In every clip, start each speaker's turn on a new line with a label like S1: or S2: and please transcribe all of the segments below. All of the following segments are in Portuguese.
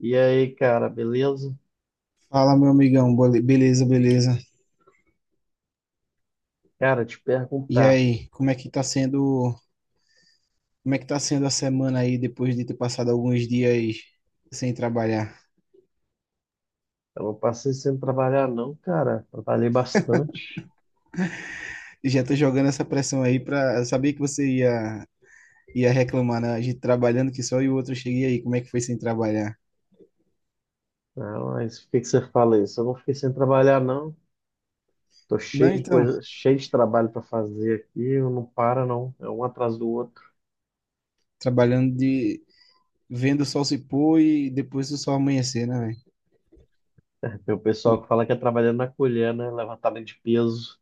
S1: E aí, cara, beleza?
S2: Fala, meu amigão, beleza, beleza.
S1: Cara, te
S2: E
S1: perguntar.
S2: aí, como é que tá sendo, como é que tá sendo a semana aí depois de ter passado alguns dias sem trabalhar?
S1: Eu não passei sem trabalhar, não, cara. Trabalhei bastante.
S2: Já tô jogando essa pressão aí pra saber que você ia reclamar, né? A gente trabalhando que só e o outro cheguei aí, como é que foi sem trabalhar?
S1: Né? Mas o que que você fala isso? Eu não fiquei sem trabalhar, não. Tô
S2: Não,
S1: cheio de
S2: então,
S1: coisa, cheio de trabalho para fazer aqui. Eu não para, não. É um atrás do outro.
S2: trabalhando de vendo o sol se pôr e depois o sol amanhecer, né, velho?
S1: Tem o pessoal
S2: O-
S1: que fala que é trabalhando na colher, né? Levantamento de peso,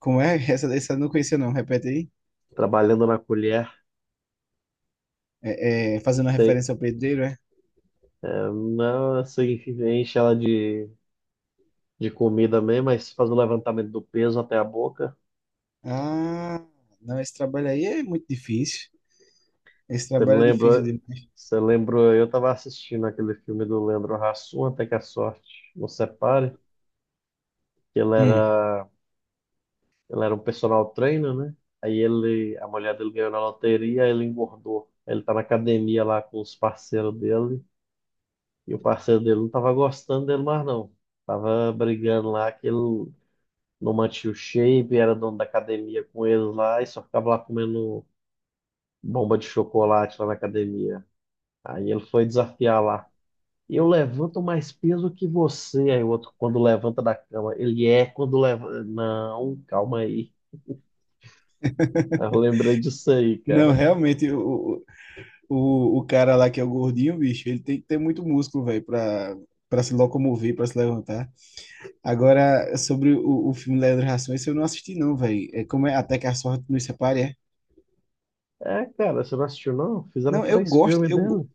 S2: Como é? Essa eu não conhecia não, repete aí.
S1: trabalhando na colher.
S2: É, é, fazendo uma
S1: Tem-
S2: referência ao pedreiro, é?
S1: É, não, assim, enche ela de comida mesmo, mas faz o levantamento do peso até a boca.
S2: Ah, não, esse trabalho aí é muito difícil. Esse
S1: Você me
S2: trabalho é difícil
S1: lembrou,
S2: demais.
S1: você lembrou, eu estava assistindo aquele filme do Leandro Hassum, Até que a Sorte Nos Separe, que ele
S2: Hum.
S1: era, ele era um personal trainer, né? Aí ele, a mulher dele ganhou na loteria, ele engordou. Ele tá na academia lá com os parceiros dele, e o parceiro dele não tava gostando dele mais não. Tava brigando lá que ele não mantinha o shape, era dono da academia com eles lá, e só ficava lá comendo bomba de chocolate lá na academia. Aí ele foi desafiar lá. Eu levanto mais peso que você. Aí o outro, quando levanta da cama, ele é quando leva. Não, calma aí. Eu lembrei disso aí,
S2: Não,
S1: cara.
S2: realmente, o cara lá que é o gordinho, bicho, ele tem que ter muito músculo, velho, pra se locomover, pra se levantar. Agora, sobre o filme Leandro Hassum, esse eu não assisti, não, velho. É como é Até que a Sorte Nos Separe, é?
S1: É, cara, você não assistiu, não? Fizeram
S2: Não, eu
S1: três
S2: gosto,
S1: filmes dele.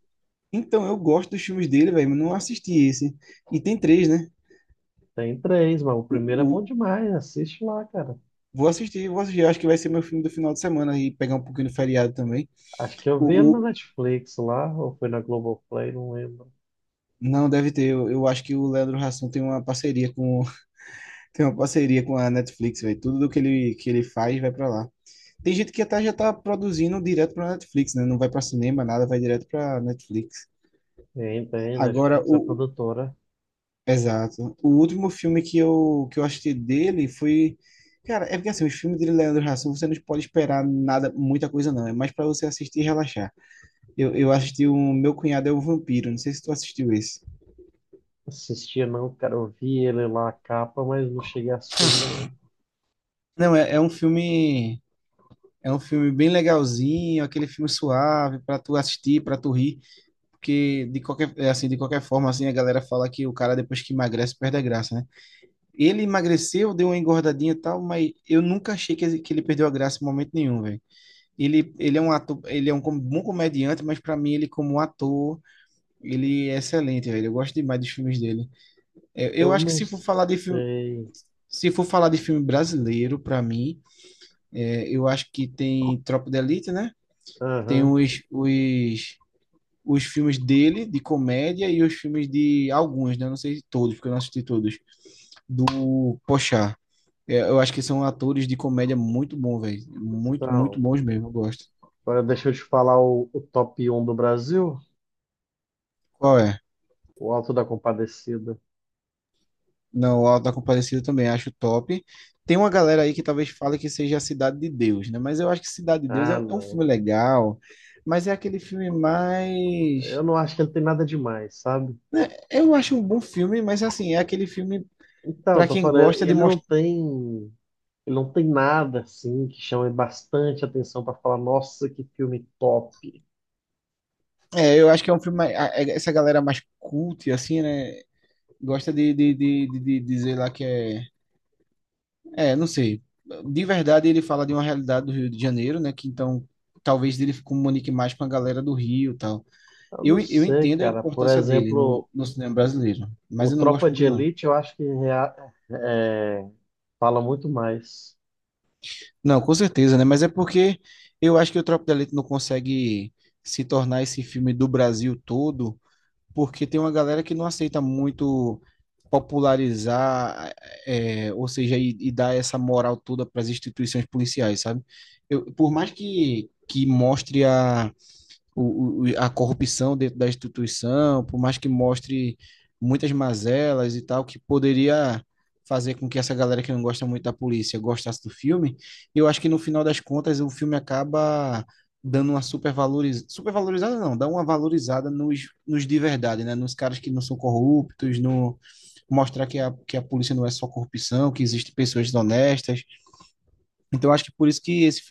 S2: então, eu gosto dos filmes dele, velho, mas não assisti esse. E tem três, né?
S1: Tem três, mas o
S2: O,
S1: primeiro é bom
S2: o,
S1: demais. Assiste lá, cara.
S2: vou assistir, vou assistir. Eu acho que vai ser meu filme do final de semana e pegar um pouquinho de feriado também.
S1: Acho que eu vi ele na
S2: O, o,
S1: Netflix lá, ou foi na Globoplay, não lembro.
S2: não, deve ter. Eu acho que o Leandro Hassum tem uma parceria com a Netflix, velho. Tudo do que que ele faz vai pra lá. Tem gente que até já tá produzindo direto pra Netflix, né? Não vai pra cinema, nada, vai direto pra Netflix.
S1: Tem,
S2: Agora,
S1: Netflix é
S2: o.
S1: produtora.
S2: Exato. O último filme que eu assisti dele foi. Cara, é porque assim, os filmes de Leandro Hassum, você não pode esperar nada, muita coisa não. É mais pra você assistir e relaxar. Eu assisti o Meu Cunhado é um Vampiro. Não sei se tu assistiu esse.
S1: Assistia não, cara. Eu vi ele lá, a capa, mas não cheguei a assistir ainda, não.
S2: Não, é um filme. É um filme bem legalzinho, aquele filme suave pra tu assistir, pra tu rir. Porque de qualquer, é assim, de qualquer forma, assim, a galera fala que o cara depois que emagrece perde a graça, né? Ele emagreceu, deu uma engordadinha e tal, mas eu nunca achei que ele perdeu a graça em momento nenhum, velho. Ele é um ator, ele é um bom comediante, mas para mim ele como ator, ele é excelente, velho. Eu gosto demais dos filmes dele. É, eu
S1: Eu
S2: acho que
S1: não
S2: se for falar de filme,
S1: sei.
S2: se for falar de filme brasileiro, para mim, é, eu acho que tem Tropa de Elite, né? Tem
S1: Aham.
S2: os filmes dele, de comédia, e os filmes de alguns, né? Não sei se todos, porque eu não assisti todos, do Pochá. É, eu acho que são atores de comédia muito bons, velho. Muito, muito
S1: Então.
S2: bons mesmo, eu gosto.
S1: Agora deixa eu te falar o top um do Brasil,
S2: Qual é?
S1: o Alto da Compadecida.
S2: Não, o Auto da Compadecida também acho top. Tem uma galera aí que talvez fale que seja a Cidade de Deus, né? Mas eu acho que Cidade de Deus é
S1: Ah,
S2: um
S1: não,
S2: filme
S1: cara.
S2: legal, mas é aquele filme
S1: Eu
S2: mais.
S1: não acho que ele tem nada demais, sabe?
S2: Né, eu acho um bom filme, mas assim, é aquele filme
S1: Então, eu
S2: para
S1: tô
S2: quem
S1: falando,
S2: gosta de mostrar.
S1: ele não tem nada assim que chame bastante atenção pra falar, nossa, que filme top.
S2: É, eu acho que é um filme essa galera mais cult, assim, né? Gosta de dizer lá que é. É, não sei. De verdade, ele fala de uma realidade do Rio de Janeiro, né? Que então talvez ele comunique mais com a galera do Rio e tal.
S1: Eu não
S2: Eu
S1: sei,
S2: entendo a
S1: cara. Por
S2: importância dele no,
S1: exemplo,
S2: no cinema brasileiro,
S1: o
S2: mas eu não gosto
S1: Tropa de
S2: muito, não.
S1: Elite, eu acho que é, fala muito mais.
S2: Não, com certeza, né? Mas é porque eu acho que o Tropa de Elite não consegue se tornar esse filme do Brasil todo porque tem uma galera que não aceita muito popularizar, é, ou seja, e dar essa moral toda para as instituições policiais, sabe? Eu, por mais que mostre a corrupção dentro da instituição, por mais que mostre muitas mazelas e tal, que poderia fazer com que essa galera que não gosta muito da polícia gostasse do filme. E eu acho que no final das contas o filme acaba dando uma supervalorizada não, dá uma valorizada nos de verdade, né? Nos caras que não são corruptos, no mostrar que que a polícia não é só corrupção, que existem pessoas honestas. Então eu acho que por isso que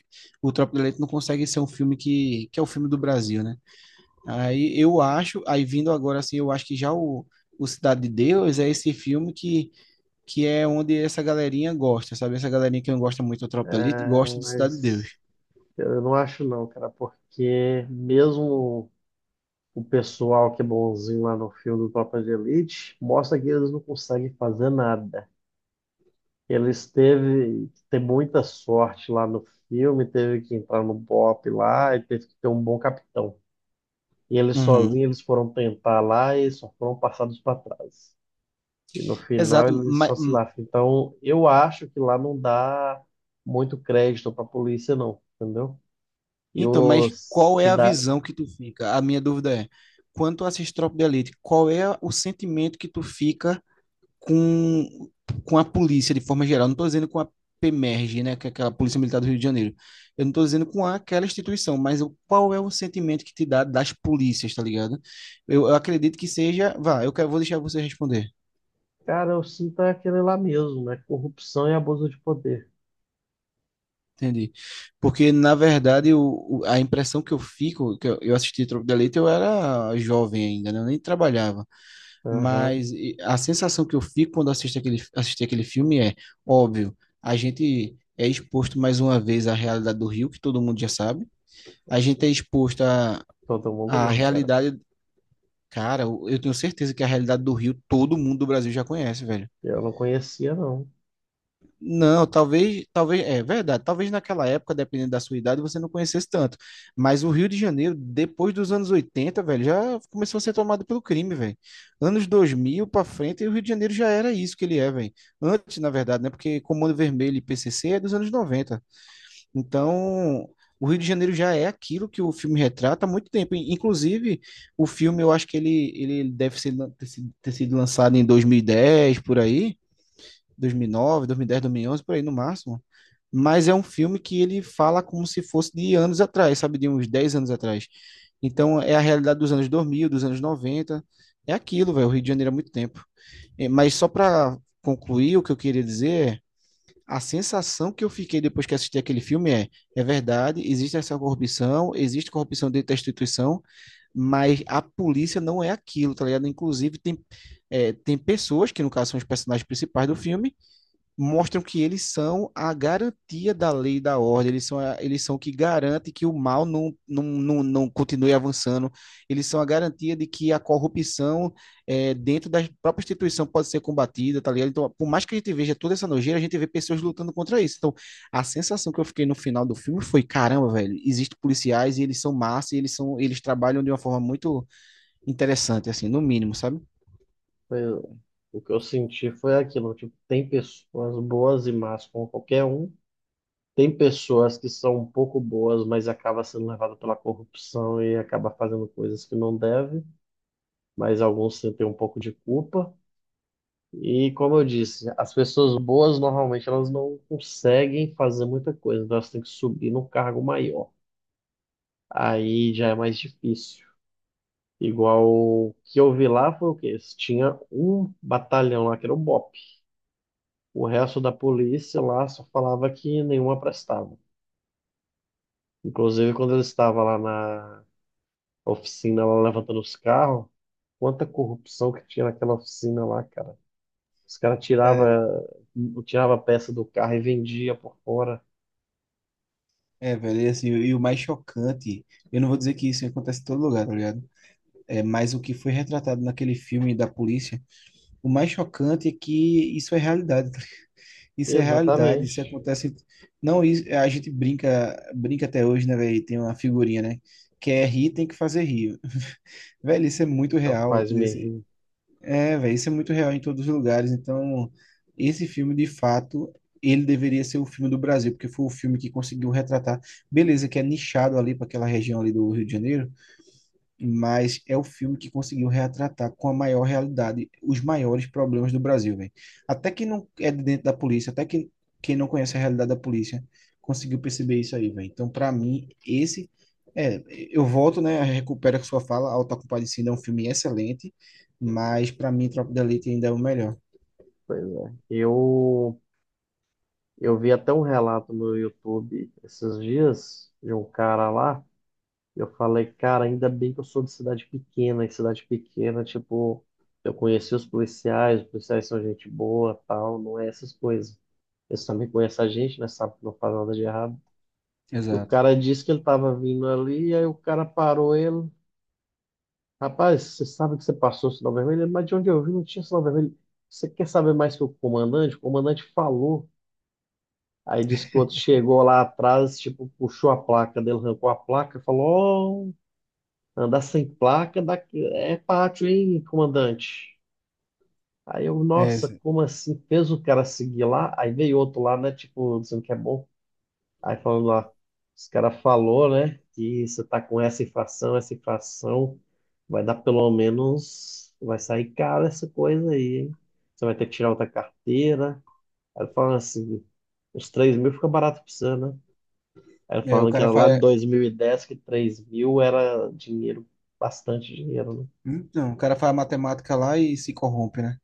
S2: o Tropa de Elite não consegue ser um filme que é o filme do Brasil, né? Aí eu acho, aí vindo agora assim, eu acho que já o Cidade de Deus é esse filme que é onde essa galerinha gosta, sabe? Essa galerinha que não gosta muito do Tropa da Elite gosta
S1: É,
S2: de Cidade de Deus.
S1: mas eu não acho não, cara, porque mesmo o pessoal que é bonzinho lá no filme do Tropa de Elite mostra que eles não conseguem fazer nada. Eles teve que ter muita sorte lá no filme, teve que entrar no BOP lá e teve que ter um bom capitão. E eles sozinhos
S2: Uhum.
S1: eles foram tentar lá e só foram passados para trás. E no final
S2: Exato.
S1: eles
S2: Mas,
S1: só se lascam. Então eu acho que lá não dá muito crédito para a polícia não, entendeu? E
S2: então, mas
S1: os
S2: qual é a
S1: cidadãos,
S2: visão que tu fica? A minha dúvida é, quando tu assiste Tropa da Elite, qual é o sentimento que tu fica com, com a polícia de forma geral. Não estou dizendo com a PEMERG, né, que é aquela Polícia Militar do Rio de Janeiro. Eu não estou dizendo com aquela instituição, mas qual é o sentimento que te dá das polícias, tá ligado? Eu acredito que seja. Vá, eu quero, vou deixar você responder.
S1: cara, eu sinto é aquele lá mesmo, né? Corrupção e abuso de poder.
S2: Entendi. Porque, na verdade, a impressão que eu fico, que eu assisti Tropa de Elite, eu era jovem ainda, né? Eu nem trabalhava.
S1: Aham.
S2: Mas a sensação que eu fico quando assisti aquele filme é, óbvio, a gente é exposto mais uma vez à realidade do Rio, que todo mundo já sabe. A gente é exposto à,
S1: Todo mundo
S2: à
S1: não, cara.
S2: realidade, cara, eu tenho certeza que a realidade do Rio todo mundo do Brasil já conhece, velho.
S1: Eu não conhecia, não.
S2: Não, talvez, é verdade, talvez naquela época, dependendo da sua idade, você não conhecesse tanto. Mas o Rio de Janeiro, depois dos anos 80, velho, já começou a ser tomado pelo crime, velho. Anos 2000 pra frente, o Rio de Janeiro já era isso que ele é, velho. Antes, na verdade, né? Porque Comando Vermelho e PCC é dos anos 90. Então, o Rio de Janeiro já é aquilo que o filme retrata há muito tempo. Inclusive, o filme, eu acho que ele deve ser, ter sido lançado em 2010, por aí. 2009, 2010, 2011, por aí no máximo. Mas é um filme que ele fala como se fosse de anos atrás, sabe, de uns 10 anos atrás. Então é a realidade dos anos 2000, dos anos 90. É aquilo, velho, o Rio de Janeiro há muito tempo. É, mas só para concluir, o que eu queria dizer é a sensação que eu fiquei depois que assisti aquele filme é, é verdade, existe essa corrupção, existe corrupção dentro da instituição, mas a polícia não é aquilo, tá ligado? Inclusive, tem pessoas, que no caso são os personagens principais do filme, mostram que eles são a garantia da lei e da ordem, eles são o que garante que o mal não, não, não, não continue avançando, eles são a garantia de que a corrupção dentro da própria instituição pode ser combatida, tá ligado? Então, por mais que a gente veja toda essa nojeira, a gente vê pessoas lutando contra isso. Então, a sensação que eu fiquei no final do filme foi, caramba, velho, existem policiais e eles são massa e eles são, eles trabalham de uma forma muito interessante, assim, no mínimo, sabe?
S1: Foi- o que eu senti foi aquilo, tipo, tem pessoas boas e más como qualquer um. Tem pessoas que são um pouco boas, mas acaba sendo levado pela corrupção e acaba fazendo coisas que não deve, mas alguns sentem um pouco de culpa. E como eu disse, as pessoas boas normalmente elas não conseguem fazer muita coisa, então elas têm que subir num cargo maior. Aí já é mais difícil. Igual o que eu vi lá foi o quê? Tinha um batalhão lá que era o BOP. O resto da polícia lá só falava que nenhuma prestava. Inclusive, quando eles estavam lá na oficina, lá levantando os carros, quanta corrupção que tinha naquela oficina lá, cara. Os caras tiravam tirava, tirava a peça do carro e vendia por fora.
S2: É, velho, e, assim, e o mais chocante, eu não vou dizer que isso acontece em todo lugar, tá ligado? É, mas o que foi retratado naquele filme da polícia, o mais chocante é que isso é realidade. Tá? Isso é realidade, isso
S1: Exatamente.
S2: acontece. Não, isso, a gente brinca, brinca até hoje, né, velho? Tem uma figurinha, né? Quer rir, tem que fazer rir. Velho, isso é muito
S1: É o que
S2: real,
S1: faz
S2: entendeu?
S1: me rir.
S2: É, velho, isso é muito real em todos os lugares. Então, esse filme, de fato, ele deveria ser o filme do Brasil, porque foi o filme que conseguiu retratar. Beleza, que é nichado ali para aquela região ali do Rio de Janeiro, mas é o filme que conseguiu retratar com a maior realidade os maiores problemas do Brasil, velho. Até quem não é de dentro da polícia, até quem não conhece a realidade da polícia, conseguiu perceber isso aí, velho. Então, para mim, esse é, eu volto, né, recupera a sua fala, Auto da Compadecida é um filme excelente, mas para mim Tropa de Elite ainda é o melhor.
S1: Pois é. Eu vi até um relato no YouTube esses dias de um cara lá. Eu falei, cara, ainda bem que eu sou de cidade pequena, e cidade pequena, tipo, eu conheci os policiais são gente boa, tal, não é essas coisas. Eles também conhecem a gente, né? Sabe que não faz nada de errado. E o
S2: Exato.
S1: cara disse que ele tava vindo ali, aí o cara parou ele. Rapaz, você sabe que você passou o sinal vermelho? Ele: mas de onde eu vi não tinha sinal vermelho. Você quer saber mais que o comandante? O comandante falou. Aí disse que o outro chegou lá atrás, tipo, puxou a placa dele, arrancou a placa, falou: andar sem placa da- é pátio, hein, comandante? Aí eu,
S2: É,
S1: nossa, como assim? Fez o cara seguir lá, aí veio outro lá, né? Tipo, dizendo que é bom. Aí falando lá, os cara falou, né? Que você tá com essa infração, vai dar pelo menos, vai sair caro essa coisa aí, hein? Você vai ter que tirar outra carteira. Aí falando assim, uns 3 mil fica barato pra você, né? Aí
S2: é, o
S1: falando que
S2: cara
S1: era lá em
S2: faz,
S1: 2010 que 3 mil era dinheiro, bastante dinheiro, né?
S2: não, o cara faz matemática lá e se corrompe, né?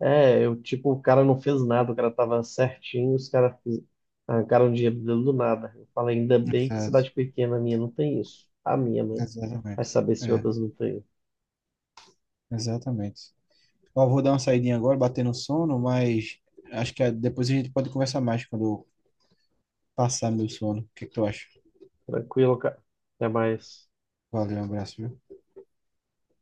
S1: É, eu, tipo, o cara não fez nada, o cara tava certinho, os caras arrancaram dinheiro dele do nada. Eu falei, ainda bem que cidade
S2: Exato.
S1: pequena minha não tem isso. A minha, né? Vai
S2: Exatamente.
S1: saber se
S2: É,
S1: outras não tem.
S2: exatamente. Eu vou dar uma saidinha agora, bater no sono, mas acho que depois a gente pode conversar mais quando eu passar meu sono. O que é que tu acha?
S1: Tranquilo, cara. Até mais.
S2: Valeu, um abraço, viu?